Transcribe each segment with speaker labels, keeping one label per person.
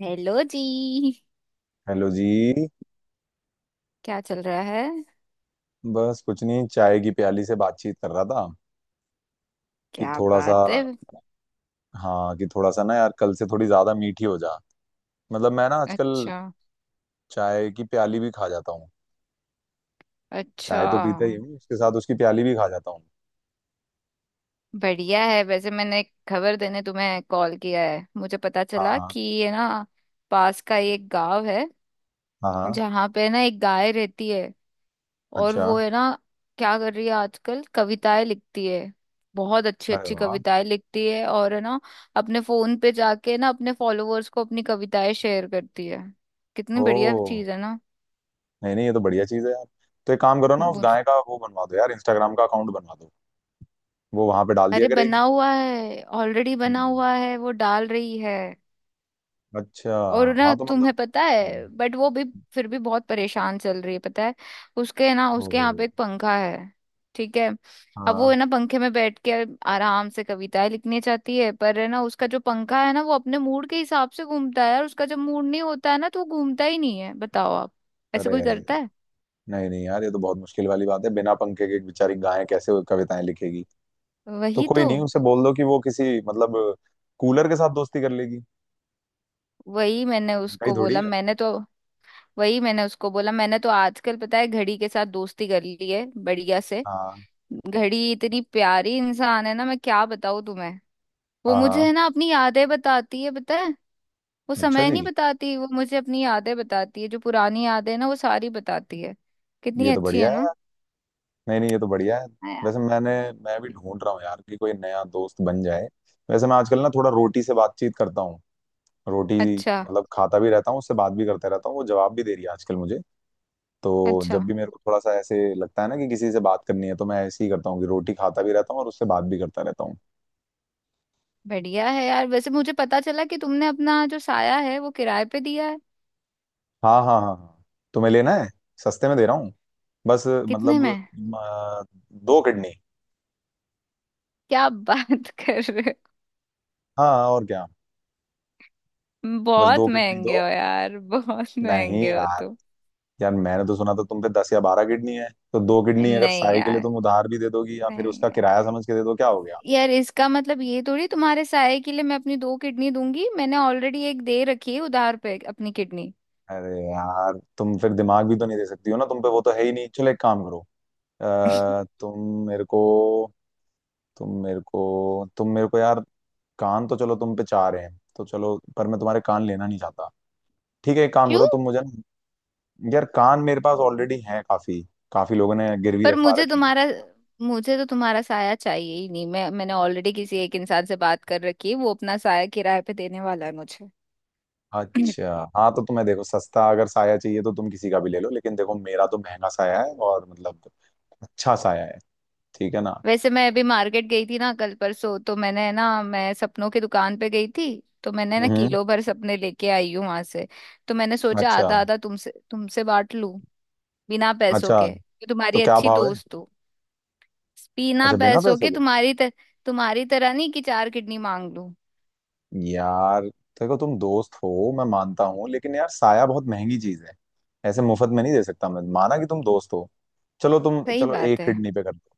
Speaker 1: Hello जी।
Speaker 2: Hello जी।
Speaker 1: क्या चल रहा है?
Speaker 2: बस कुछ नहीं, चाय की प्याली से बातचीत कर रहा था। कि
Speaker 1: क्या
Speaker 2: थोड़ा सा।
Speaker 1: बात है।
Speaker 2: हाँ, कि थोड़ा सा ना यार, कल से थोड़ी ज्यादा मीठी हो जा। मतलब मैं ना आजकल
Speaker 1: अच्छा।
Speaker 2: चाय की प्याली भी खा जाता हूँ।
Speaker 1: अच्छा।
Speaker 2: चाय तो पीता ही हूँ, उसके साथ उसकी प्याली भी खा जाता हूँ।
Speaker 1: बढ़िया है। वैसे मैंने एक खबर देने तुम्हें कॉल किया है। मुझे पता चला
Speaker 2: हाँ
Speaker 1: कि ये ना पास का ही एक गांव है
Speaker 2: हाँ हाँ।
Speaker 1: जहाँ पे ना एक गाय रहती है, और
Speaker 2: अच्छा।
Speaker 1: वो है ना क्या कर रही है आजकल, कविताएं लिखती है। बहुत अच्छी
Speaker 2: अरे
Speaker 1: अच्छी
Speaker 2: वाह।
Speaker 1: कविताएं लिखती है, और है ना अपने फोन पे जाके ना अपने फॉलोअर्स को अपनी कविताएं शेयर करती है। कितनी
Speaker 2: ओ।
Speaker 1: बढ़िया चीज है ना।
Speaker 2: नहीं नहीं, ये तो बढ़िया चीज़ है यार। तो एक काम करो ना, उस गाय का वो बनवा दो यार, इंस्टाग्राम का अकाउंट बनवा दो। वो वहां पे डाल दिया
Speaker 1: अरे
Speaker 2: करेगी।
Speaker 1: बना हुआ है, ऑलरेडी बना
Speaker 2: हम्म।
Speaker 1: हुआ है, वो डाल रही है।
Speaker 2: अच्छा।
Speaker 1: और ना
Speaker 2: हाँ तो
Speaker 1: तुम्हें
Speaker 2: मतलब।
Speaker 1: पता
Speaker 2: हम्म,
Speaker 1: है बट वो भी फिर भी बहुत परेशान चल रही है, पता है। उसके ना
Speaker 2: ओ।
Speaker 1: उसके यहाँ पे एक पंखा है, ठीक है। अब वो
Speaker 2: हाँ।
Speaker 1: है ना पंखे में बैठ के आराम से कविताएं लिखनी चाहती है, पर है ना उसका जो पंखा है ना वो अपने मूड के हिसाब से घूमता है, और उसका जब मूड नहीं होता है ना तो वो घूमता ही नहीं है, बताओ आप। ऐसे
Speaker 2: अरे
Speaker 1: कोई
Speaker 2: अरे।
Speaker 1: करता है?
Speaker 2: नहीं नहीं यार, ये तो बहुत मुश्किल वाली बात है। बिना पंखे के एक बेचारी गाय कैसे वो कविताएं लिखेगी। तो
Speaker 1: वही
Speaker 2: कोई
Speaker 1: तो।
Speaker 2: नहीं, उसे बोल दो कि वो किसी मतलब कूलर के साथ दोस्ती कर लेगी।
Speaker 1: वही मैंने
Speaker 2: भाई
Speaker 1: उसको
Speaker 2: थोड़ी
Speaker 1: बोला
Speaker 2: है।
Speaker 1: मैंने तो वही मैंने उसको बोला मैंने तो आजकल पता है घड़ी के साथ दोस्ती कर ली है बढ़िया से।
Speaker 2: हाँ
Speaker 1: घड़ी इतनी प्यारी इंसान है ना, मैं क्या बताऊँ तुम्हें। वो
Speaker 2: हाँ
Speaker 1: मुझे
Speaker 2: हाँ।
Speaker 1: है ना अपनी यादें बताती है, पता है। वो
Speaker 2: अच्छा
Speaker 1: समय नहीं
Speaker 2: जी।
Speaker 1: बताती, वो मुझे अपनी यादें बताती है। जो पुरानी यादें हैं ना वो सारी बताती है। कितनी
Speaker 2: ये तो
Speaker 1: अच्छी है
Speaker 2: बढ़िया है
Speaker 1: ना।
Speaker 2: यार। नहीं नहीं, ये तो बढ़िया है।
Speaker 1: हाँ
Speaker 2: वैसे
Speaker 1: यार।
Speaker 2: मैंने, मैं भी ढूंढ रहा हूँ यार कि कोई नया दोस्त बन जाए। वैसे मैं आजकल ना थोड़ा रोटी से बातचीत करता हूँ। रोटी।
Speaker 1: अच्छा।
Speaker 2: मतलब खाता भी रहता हूँ, उससे बात भी करते रहता हूँ, वो जवाब भी दे रही है आजकल मुझे। तो
Speaker 1: अच्छा।
Speaker 2: जब भी मेरे को थोड़ा सा ऐसे लगता है ना कि किसी से बात करनी है, तो मैं ऐसे ही करता हूँ कि रोटी खाता भी रहता हूँ और उससे बात भी करता रहता हूँ।
Speaker 1: बढ़िया है यार। वैसे मुझे पता चला कि तुमने अपना जो साया है वो किराए पे दिया है।
Speaker 2: हाँ हाँ हाँ हाँ। तुम्हें लेना है। सस्ते में दे रहा हूँ। बस
Speaker 1: कितने
Speaker 2: मतलब
Speaker 1: में?
Speaker 2: अ, दो किडनी।
Speaker 1: क्या बात कर रहे हो।
Speaker 2: हाँ और क्या। बस दो
Speaker 1: बहुत
Speaker 2: किडनी
Speaker 1: महंगे
Speaker 2: दो।
Speaker 1: हो यार, बहुत
Speaker 2: नहीं
Speaker 1: महंगे हो
Speaker 2: यार।
Speaker 1: तुम।
Speaker 2: यार मैंने तो सुना था तुम पे दस या बारह किडनी है। तो दो किडनी अगर
Speaker 1: नहीं
Speaker 2: साई के लिए
Speaker 1: यार।
Speaker 2: तुम उधार भी दे दोगी, या फिर
Speaker 1: नहीं
Speaker 2: उसका
Speaker 1: यार।
Speaker 2: किराया समझ के दे दो, क्या हो गया।
Speaker 1: यार इसका मतलब ये थोड़ी तुम्हारे साय के लिए मैं अपनी दो किडनी दूंगी। मैंने ऑलरेडी एक दे रखी है उधार पे अपनी किडनी।
Speaker 2: अरे यार, तुम फिर दिमाग भी तो नहीं दे सकती हो ना, तुम पे वो तो है ही नहीं। चलो एक काम करो। तुम मेरे को तुम मेरे को तुम मेरे को यार, कान तो चलो तुम पे चाह रहे हैं तो चलो, पर मैं तुम्हारे कान लेना नहीं चाहता। ठीक है, एक काम
Speaker 1: क्यों?
Speaker 2: करो, तुम मुझे ना-। यार कान मेरे पास ऑलरेडी है काफी, काफी लोगों ने गिरवी
Speaker 1: पर
Speaker 2: रखवा
Speaker 1: मुझे
Speaker 2: रखे हैं।
Speaker 1: तुम्हारा मुझे तो तुम्हारा साया चाहिए ही नहीं। मैं मैंने ऑलरेडी किसी एक इंसान से बात कर रखी है, वो अपना साया किराए पे देने वाला है मुझे।
Speaker 2: अच्छा हाँ, तो तुम्हें देखो, सस्ता अगर साया चाहिए तो तुम किसी का भी ले लो, लेकिन देखो मेरा तो महंगा साया है और मतलब अच्छा साया है। ठीक है ना।
Speaker 1: वैसे मैं अभी मार्केट गई थी ना कल परसों, तो मैंने ना मैं सपनों की दुकान पे गई थी। तो मैंने ना
Speaker 2: हम्म।
Speaker 1: किलो भर सपने लेके आई हूँ वहां से। तो मैंने सोचा
Speaker 2: अच्छा।
Speaker 1: आधा आधा तुमसे तुमसे बांट लूं, बिना पैसों
Speaker 2: अच्छा
Speaker 1: के कि
Speaker 2: तो
Speaker 1: तुम्हारी
Speaker 2: क्या
Speaker 1: अच्छी
Speaker 2: भाव है।
Speaker 1: दोस्त हो। बिना
Speaker 2: अच्छा बिना
Speaker 1: पैसों
Speaker 2: पैसों
Speaker 1: के,
Speaker 2: के।
Speaker 1: तुम्हारी तरह नहीं कि चार किडनी मांग लूं।
Speaker 2: यार देखो, तुम दोस्त हो मैं मानता हूँ, लेकिन यार साया बहुत महंगी चीज है। ऐसे मुफ्त में नहीं दे सकता, मैं माना कि तुम दोस्त हो। चलो तुम
Speaker 1: सही
Speaker 2: चलो,
Speaker 1: बात
Speaker 2: एक
Speaker 1: है।
Speaker 2: किडनी पे कर दो।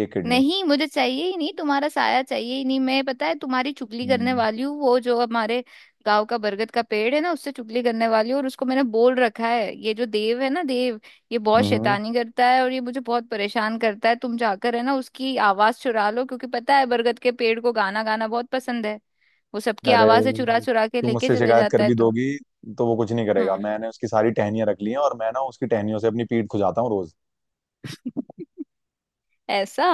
Speaker 2: एक किडनी।
Speaker 1: नहीं मुझे चाहिए ही नहीं, तुम्हारा साया चाहिए ही नहीं। मैं पता है तुम्हारी चुगली करने
Speaker 2: हम्म।
Speaker 1: वाली हूँ। वो जो हमारे गांव का बरगद का पेड़ है ना, उससे चुगली करने वाली हूँ। और उसको मैंने बोल रखा है, ये जो देव है ना, देव ये बहुत
Speaker 2: हम्म, हम्म।
Speaker 1: शैतानी करता है और ये मुझे बहुत परेशान करता है, तुम जाकर है ना उसकी आवाज चुरा लो, क्योंकि पता है बरगद के पेड़ को गाना गाना बहुत पसंद है। वो सबकी
Speaker 2: अरे
Speaker 1: आवाजें चुरा चुरा के
Speaker 2: तुम
Speaker 1: लेके
Speaker 2: मुझसे
Speaker 1: चले
Speaker 2: शिकायत कर
Speaker 1: जाता है
Speaker 2: भी
Speaker 1: तो।
Speaker 2: दोगी, तो वो कुछ नहीं करेगा।
Speaker 1: हम्म।
Speaker 2: मैंने उसकी सारी टहनियां रख ली हैं और मैं ना उसकी टहनियों से अपनी पीठ खुजाता हूँ रोज।
Speaker 1: ऐसा।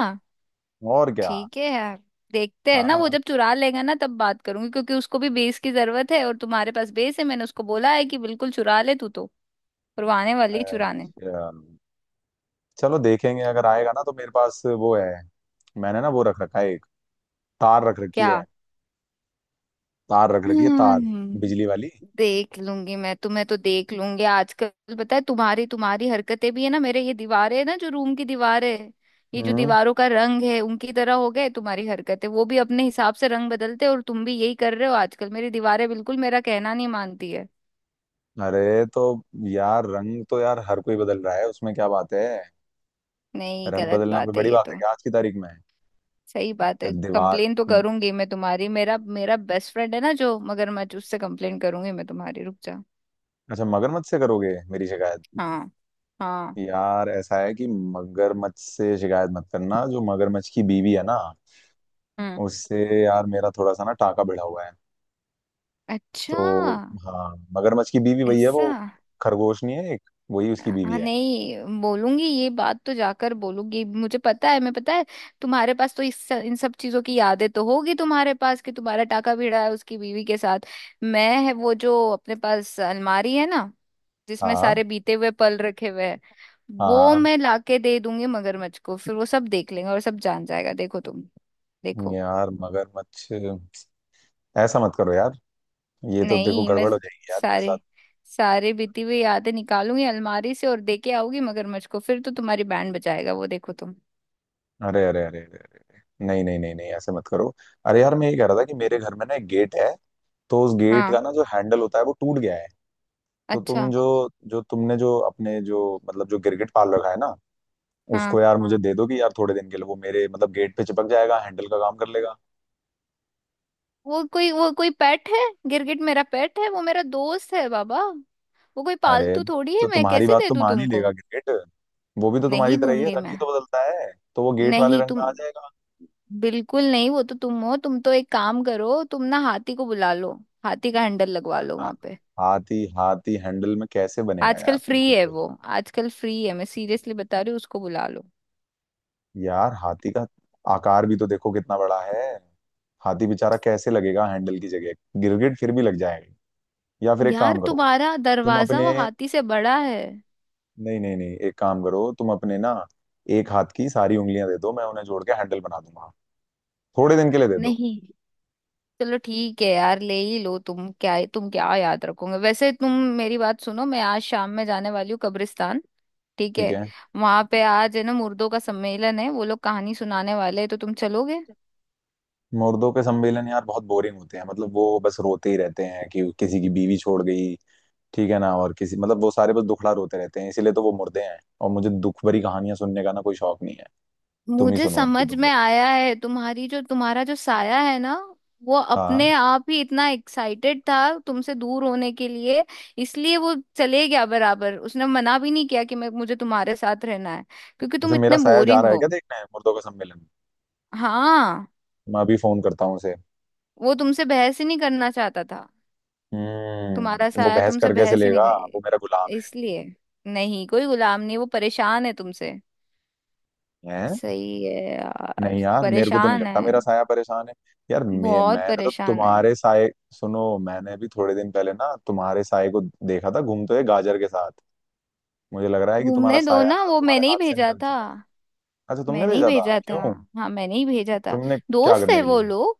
Speaker 2: और क्या।
Speaker 1: ठीक है यार, देखते हैं ना। वो
Speaker 2: हाँ।
Speaker 1: जब चुरा लेगा ना तब बात करूंगी, क्योंकि उसको भी बेस की जरूरत है और तुम्हारे पास बेस है। मैंने उसको बोला है कि बिल्कुल चुरा ले तू तो, और वो आने वाली है चुराने।
Speaker 2: अच्छा। चलो देखेंगे, अगर आएगा ना तो मेरे पास वो है। मैंने ना वो रख रखा है एक, तार रख रखी
Speaker 1: क्या?
Speaker 2: है। तार रख रखी है तार।
Speaker 1: हम्म,
Speaker 2: बिजली वाली।
Speaker 1: देख लूंगी मैं, तुम्हें तो देख लूंगी। आजकल पता है तुम्हारी तुम्हारी हरकतें भी है ना, मेरे ये दीवारें है ना जो रूम की दीवारें है, ये जो
Speaker 2: हम्म।
Speaker 1: दीवारों का रंग है, उनकी तरह हो गए तुम्हारी हरकतें। वो भी अपने हिसाब से रंग बदलते हैं और तुम भी यही कर रहे हो आजकल। मेरी दीवारें बिल्कुल मेरा कहना नहीं मानती है।
Speaker 2: अरे, तो यार रंग तो यार हर कोई बदल रहा है, उसमें क्या बात है।
Speaker 1: नहीं,
Speaker 2: रंग
Speaker 1: गलत
Speaker 2: बदलना कोई
Speaker 1: बात है
Speaker 2: बड़ी
Speaker 1: ये
Speaker 2: बात है
Speaker 1: तो।
Speaker 2: क्या आज की तारीख में।
Speaker 1: सही बात है।
Speaker 2: दीवार।
Speaker 1: कंप्लेन तो करूंगी मैं तुम्हारी। मेरा मेरा बेस्ट फ्रेंड है ना जो मगरमच्छ, उससे कंप्लेन करूंगी मैं तुम्हारी, रुक जा।
Speaker 2: अच्छा मगरमच्छ से करोगे मेरी शिकायत।
Speaker 1: हाँ। हाँ।
Speaker 2: यार ऐसा है कि मगरमच्छ से शिकायत मत करना। जो मगरमच्छ की बीवी है ना
Speaker 1: हम्म।
Speaker 2: उससे, यार मेरा थोड़ा सा ना टाका बढ़ा हुआ है।
Speaker 1: अच्छा।
Speaker 2: तो हाँ, मगरमच्छ की बीवी वही है वो,
Speaker 1: ऐसा।
Speaker 2: खरगोश नहीं है एक, वही उसकी बीवी
Speaker 1: हाँ
Speaker 2: है।
Speaker 1: नहीं बोलूंगी ये बात, तो जाकर बोलूंगी। मुझे पता है, मैं पता है तुम्हारे पास तो इस इन सब चीजों की यादें तो होगी तुम्हारे पास, कि तुम्हारा टाका भिड़ा है उसकी बीवी के साथ। मैं है वो जो अपने पास अलमारी है ना, जिसमें
Speaker 2: हाँ
Speaker 1: सारे बीते हुए पल रखे हुए हैं, वो
Speaker 2: हाँ।
Speaker 1: मैं लाके दे दूंगी मगरमच्छ को, फिर वो सब देख लेंगे और सब जान जाएगा, देखो तुम। देखो।
Speaker 2: यार मगरमच्छ, ऐसा मत करो यार। ये तो देखो
Speaker 1: नहीं मैं
Speaker 2: गड़बड़ हो जाएगी यार मेरे साथ।
Speaker 1: सारे सारे बीती हुई यादें निकालूंगी अलमारी से और देके आऊंगी मगरमच्छ को, फिर तो तुम्हारी बैंड बजाएगा वो, देखो तुम।
Speaker 2: अरे अरे अरे अरे, नहीं नहीं नहीं नहीं, ऐसे मत करो। अरे यार मैं ये कह रहा था कि मेरे घर में ना एक गेट है। तो उस गेट
Speaker 1: हाँ।
Speaker 2: का ना जो हैंडल होता है वो टूट गया है। तो तुम
Speaker 1: अच्छा।
Speaker 2: जो जो तुमने जो अपने जो मतलब जो गिरगिट पाल रखा है ना,
Speaker 1: हाँ।
Speaker 2: उसको यार मुझे दे दो, कि यार थोड़े दिन के लिए वो मेरे मतलब गेट पे चिपक जाएगा, हैंडल का काम कर लेगा।
Speaker 1: वो कोई पेट है? गिरगिट मेरा पेट है, वो मेरा दोस्त है बाबा। वो कोई
Speaker 2: अरे
Speaker 1: पालतू थोड़ी है,
Speaker 2: तो
Speaker 1: मैं
Speaker 2: तुम्हारी
Speaker 1: कैसे
Speaker 2: बात
Speaker 1: दे
Speaker 2: तो
Speaker 1: दूं
Speaker 2: मान ही
Speaker 1: तुमको।
Speaker 2: लेगा गिरगिट। वो भी तो तुम्हारी
Speaker 1: नहीं
Speaker 2: तरह ही है,
Speaker 1: दूंगी
Speaker 2: रंग ही
Speaker 1: मैं।
Speaker 2: तो बदलता है, तो वो गेट वाले
Speaker 1: नहीं
Speaker 2: रंग में
Speaker 1: तुम
Speaker 2: आ जाएगा।
Speaker 1: बिल्कुल नहीं। वो तो तुम हो, तुम तो एक काम करो, तुम ना हाथी को बुला लो। हाथी का हैंडल लगवा लो
Speaker 2: यार
Speaker 1: वहां पे।
Speaker 2: हाथी हाथी हैंडल में कैसे बनेगा यार,
Speaker 1: आजकल
Speaker 2: तुम
Speaker 1: फ्री
Speaker 2: खुद
Speaker 1: है वो।
Speaker 2: सोचो।
Speaker 1: आजकल फ्री है, मैं सीरियसली बता रही हूँ, उसको बुला लो।
Speaker 2: यार हाथी का आकार भी तो देखो कितना बड़ा है। हाथी बेचारा कैसे लगेगा हैंडल की जगह। गिरगिट फिर भी लग जाएगा। या फिर एक
Speaker 1: यार
Speaker 2: काम करो,
Speaker 1: तुम्हारा
Speaker 2: तुम
Speaker 1: दरवाजा
Speaker 2: अपने
Speaker 1: वो हाथी से बड़ा है।
Speaker 2: नहीं नहीं नहीं एक काम करो, तुम अपने ना एक हाथ की सारी उंगलियां दे दो, मैं उन्हें जोड़ के हैंडल बना दूंगा। थोड़े दिन के लिए दे दो।
Speaker 1: नहीं। चलो ठीक है यार, ले ही लो। तुम क्या, तुम क्या याद रखोगे वैसे तुम। मेरी बात सुनो, मैं आज शाम में जाने वाली हूँ कब्रिस्तान, ठीक
Speaker 2: ठीक
Speaker 1: है।
Speaker 2: है।
Speaker 1: वहां पे आज है ना मुर्दों का सम्मेलन है, वो लोग कहानी सुनाने वाले हैं, तो तुम चलोगे?
Speaker 2: मुर्दों के सम्मेलन यार बहुत बोरिंग होते हैं। मतलब वो बस रोते ही रहते हैं कि किसी की बीवी छोड़ गई, ठीक है ना, और किसी मतलब, वो सारे बस दुखड़ा रोते रहते हैं, इसीलिए तो वो मुर्दे हैं। और मुझे दुख भरी कहानियां सुनने का ना कोई शौक नहीं है। तुम ही
Speaker 1: मुझे
Speaker 2: सुनो उनकी
Speaker 1: समझ
Speaker 2: दो।
Speaker 1: में आया है तुम्हारी जो तुम्हारा जो साया है ना, वो
Speaker 2: हाँ।
Speaker 1: अपने आप ही इतना एक्साइटेड था तुमसे दूर होने के लिए, इसलिए वो चले गया बराबर। उसने मना भी नहीं किया कि मैं मुझे तुम्हारे साथ रहना है, क्योंकि तुम
Speaker 2: अच्छा मेरा
Speaker 1: इतने
Speaker 2: साया जा
Speaker 1: बोरिंग
Speaker 2: रहा है
Speaker 1: हो।
Speaker 2: क्या देखने मुर्दों का सम्मेलन।
Speaker 1: हाँ।
Speaker 2: मैं अभी फोन करता हूँ उसे।
Speaker 1: वो तुमसे बहस ही नहीं करना चाहता था, तुम्हारा
Speaker 2: हम्म, वो
Speaker 1: साया
Speaker 2: बहस
Speaker 1: तुमसे
Speaker 2: कर कैसे
Speaker 1: बहस ही नहीं
Speaker 2: लेगा। वो मेरा गुलाम
Speaker 1: कर,
Speaker 2: है।
Speaker 1: इसलिए। नहीं कोई गुलाम नहीं, वो परेशान है तुमसे।
Speaker 2: हैं।
Speaker 1: सही है
Speaker 2: नहीं
Speaker 1: यार,
Speaker 2: यार, मेरे को तो नहीं
Speaker 1: परेशान है।
Speaker 2: लगता मेरा साया परेशान है। यार मैं,
Speaker 1: बहुत
Speaker 2: मैंने तो
Speaker 1: परेशान है।
Speaker 2: तुम्हारे साय सुनो, मैंने भी थोड़े दिन पहले ना तुम्हारे साय को देखा था घूमते हुए गाजर के साथ। मुझे लग रहा है कि तुम्हारा
Speaker 1: घूमने दो
Speaker 2: साया
Speaker 1: ना,
Speaker 2: ना
Speaker 1: वो
Speaker 2: तुम्हारे
Speaker 1: मैंने ही
Speaker 2: हाथ से
Speaker 1: भेजा
Speaker 2: निकल
Speaker 1: था।
Speaker 2: चुका है। अच्छा तुमने
Speaker 1: मैंने ही
Speaker 2: भेजा था
Speaker 1: भेजा था।
Speaker 2: क्यों।
Speaker 1: हाँ मैंने ही भेजा था।
Speaker 2: तुमने क्या
Speaker 1: दोस्त
Speaker 2: करने
Speaker 1: है
Speaker 2: के
Speaker 1: वो
Speaker 2: लिए
Speaker 1: लोग।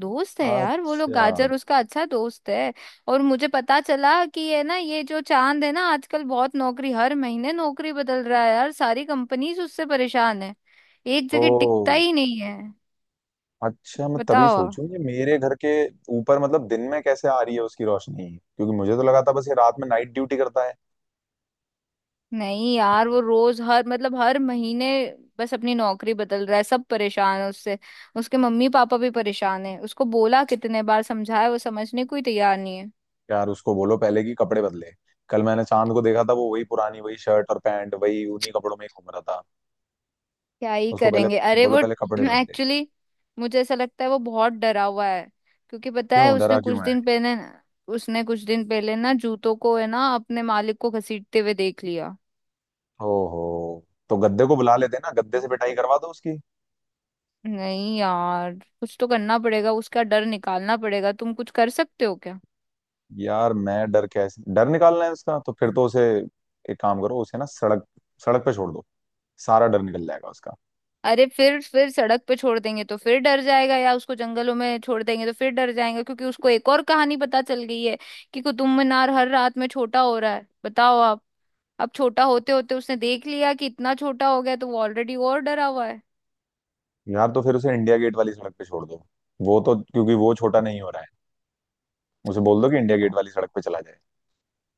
Speaker 1: दोस्त है
Speaker 2: भेजा।
Speaker 1: यार वो लोग,
Speaker 2: अच्छा।
Speaker 1: गाजर उसका अच्छा दोस्त है। और मुझे पता चला कि ये ना, ये जो चांद है ना, आजकल बहुत नौकरी, हर महीने नौकरी बदल रहा है यार। सारी कंपनीज उससे परेशान है, एक
Speaker 2: ओ।
Speaker 1: जगह टिकता ही नहीं है,
Speaker 2: अच्छा मैं तभी
Speaker 1: बताओ।
Speaker 2: सोचूं ये मेरे घर के ऊपर मतलब दिन में कैसे आ रही है उसकी रोशनी, क्योंकि मुझे तो लगा था बस ये रात में नाइट ड्यूटी करता है।
Speaker 1: नहीं यार वो रोज हर, मतलब हर महीने बस अपनी नौकरी बदल रहा है, सब परेशान है उससे। उसके मम्मी पापा भी परेशान है, उसको बोला, कितने बार समझाया, वो समझने को ही तैयार नहीं है।
Speaker 2: यार उसको बोलो पहले कि कपड़े बदले। कल मैंने चांद को देखा था, वो वही पुरानी वही शर्ट और पैंट, वही उन्हीं कपड़ों में ही घूम रहा था।
Speaker 1: क्या ही
Speaker 2: उसको पहले
Speaker 1: करेंगे। अरे
Speaker 2: बोलो
Speaker 1: वो
Speaker 2: पहले कपड़े बदले।
Speaker 1: एक्चुअली मुझे ऐसा लगता है वो बहुत डरा हुआ है, क्योंकि पता
Speaker 2: क्यों
Speaker 1: है उसने
Speaker 2: डरा
Speaker 1: कुछ
Speaker 2: क्यों है।
Speaker 1: दिन पहले, उसने कुछ दिन पहले ना जूतों को है ना अपने मालिक को घसीटते हुए देख लिया।
Speaker 2: ओहो। तो गद्दे को बुला लेते ना, गद्दे से पिटाई करवा दो उसकी।
Speaker 1: नहीं यार, कुछ तो करना पड़ेगा, उसका डर निकालना पड़ेगा। तुम कुछ कर सकते हो क्या?
Speaker 2: यार मैं डर, कैसे डर निकालना है उसका, तो फिर तो उसे एक काम करो, उसे ना सड़क, सड़क पे छोड़ दो, सारा डर निकल जाएगा उसका।
Speaker 1: अरे फिर सड़क पे छोड़ देंगे तो फिर डर जाएगा, या उसको जंगलों में छोड़ देंगे तो फिर डर जाएगा, क्योंकि उसको एक और कहानी पता चल गई है कि कुतुब मीनार हर रात में छोटा हो रहा है, बताओ आप। अब छोटा होते होते उसने देख लिया कि इतना छोटा हो गया, तो वो ऑलरेडी और डरा हुआ है
Speaker 2: यार तो फिर उसे इंडिया गेट वाली सड़क पे छोड़ दो। वो तो, क्योंकि वो छोटा नहीं हो रहा है। उसे बोल दो कि इंडिया गेट वाली सड़क पे चला जाए।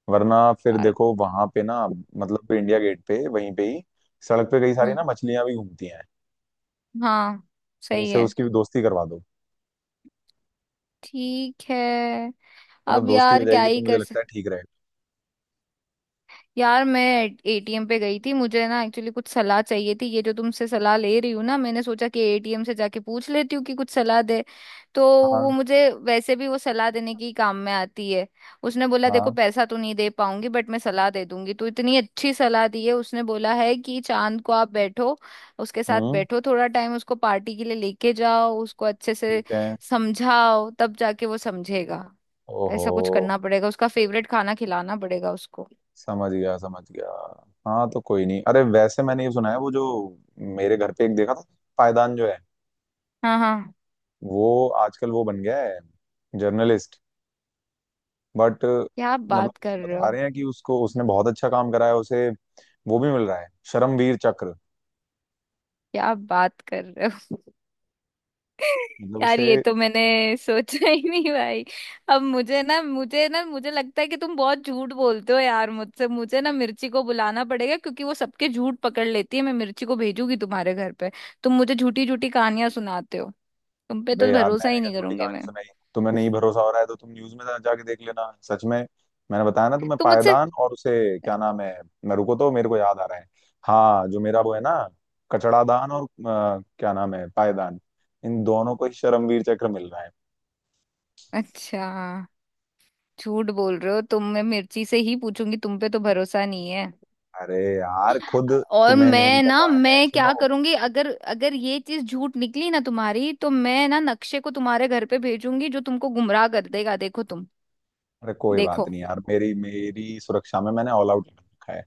Speaker 2: वरना फिर
Speaker 1: यार।
Speaker 2: देखो वहां पे ना मतलब इंडिया गेट पे वहीं पे ही सड़क पे कई सारी
Speaker 1: हम्म।
Speaker 2: ना मछलियां भी घूमती हैं।
Speaker 1: हाँ। सही
Speaker 2: उनसे
Speaker 1: है।
Speaker 2: उसकी दोस्ती करवा दो।
Speaker 1: ठीक है।
Speaker 2: मतलब
Speaker 1: अब
Speaker 2: दोस्ती हो
Speaker 1: यार क्या
Speaker 2: जाएगी तो
Speaker 1: ही
Speaker 2: मुझे
Speaker 1: कर।
Speaker 2: लगता है ठीक रहेगा।
Speaker 1: यार मैं एटीएम पे गई थी, मुझे ना एक्चुअली कुछ सलाह चाहिए थी। ये जो तुमसे सलाह ले रही हूँ ना, मैंने सोचा कि एटीएम से जाके पूछ लेती हूँ कि कुछ सलाह दे तो। वो
Speaker 2: हाँ
Speaker 1: मुझे वैसे भी वो सलाह देने की काम में आती है। उसने बोला देखो
Speaker 2: हाँ।
Speaker 1: पैसा तो नहीं दे पाऊंगी बट मैं सलाह दे दूंगी। तो इतनी अच्छी सलाह दी है, उसने बोला है कि चांद को आप बैठो, उसके साथ
Speaker 2: हम्म।
Speaker 1: बैठो थोड़ा टाइम, उसको पार्टी के लिए लेके जाओ, उसको अच्छे से
Speaker 2: ठीक है।
Speaker 1: समझाओ, तब जाके वो समझेगा।
Speaker 2: ओहो।
Speaker 1: ऐसा कुछ करना पड़ेगा, उसका फेवरेट खाना खिलाना पड़ेगा उसको।
Speaker 2: समझ गया समझ गया। हाँ तो कोई नहीं। अरे वैसे मैंने ये सुना है वो जो मेरे घर पे एक देखा था, पायदान जो है,
Speaker 1: हाँ। हाँ।
Speaker 2: वो आजकल वो बन गया है जर्नलिस्ट। बट
Speaker 1: क्या आप
Speaker 2: मतलब
Speaker 1: बात कर रहे
Speaker 2: बता
Speaker 1: हो।
Speaker 2: रहे हैं कि उसको, उसने बहुत अच्छा काम करा है, उसे वो भी मिल रहा है परमवीर चक्र।
Speaker 1: क्या आप बात कर रहे हो।
Speaker 2: मतलब
Speaker 1: यार ये
Speaker 2: उसे।
Speaker 1: तो मैंने सोचा ही नहीं भाई। अब मुझे लगता है कि तुम बहुत झूठ बोलते हो यार मुझसे। मुझे ना मिर्ची को बुलाना पड़ेगा, क्योंकि वो सबके झूठ पकड़ लेती है। मैं मिर्ची को भेजूंगी तुम्हारे घर पे। तुम मुझे झूठी झूठी कहानियां सुनाते हो, तुम पे
Speaker 2: बे
Speaker 1: तो
Speaker 2: यार
Speaker 1: भरोसा
Speaker 2: मैंने
Speaker 1: ही
Speaker 2: क्या
Speaker 1: नहीं
Speaker 2: झूठी
Speaker 1: करूंगी
Speaker 2: कहानी
Speaker 1: मैं।
Speaker 2: सुनाई। तुम्हें नहीं भरोसा हो रहा है तो तुम न्यूज में जाके देख लेना सच में। मैंने बताया ना तुम्हें
Speaker 1: तुम मुझसे।
Speaker 2: पायदान और उसे क्या नाम है, मैं रुको तो मेरे को याद आ रहा है। हाँ जो मेरा वो है ना, कचड़ादान और क्या नाम है पायदान, इन दोनों को ही शर्मवीर चक्र मिल रहा है।
Speaker 1: अच्छा झूठ बोल रहे हो तुम, मैं मिर्ची से ही पूछूंगी, तुम पे तो भरोसा नहीं है।
Speaker 2: अरे यार खुद
Speaker 1: और
Speaker 2: तुम्हें नहीं
Speaker 1: मैं ना
Speaker 2: पता है,
Speaker 1: मैं
Speaker 2: सुनो।
Speaker 1: क्या करूंगी, अगर अगर ये चीज झूठ निकली ना तुम्हारी, तो मैं ना नक्शे को तुम्हारे घर पे भेजूंगी, जो तुमको गुमराह कर देगा, देखो तुम।
Speaker 2: अरे कोई बात
Speaker 1: देखो।
Speaker 2: नहीं यार, मेरी मेरी सुरक्षा में मैंने ऑल आउट रखा है।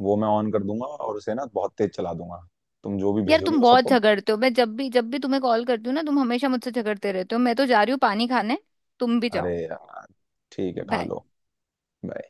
Speaker 2: वो मैं ऑन कर दूंगा और उसे ना बहुत तेज चला दूंगा। तुम जो भी
Speaker 1: यार
Speaker 2: भेजोगी
Speaker 1: तुम
Speaker 2: वो
Speaker 1: बहुत
Speaker 2: सबको।
Speaker 1: झगड़ते हो। मैं जब भी तुम्हें कॉल करती हूँ ना, तुम हमेशा मुझसे झगड़ते रहते हो। मैं तो जा रही हूँ पानी खाने, तुम भी जाओ।
Speaker 2: अरे यार ठीक है, खा
Speaker 1: बाय।
Speaker 2: लो। Bye.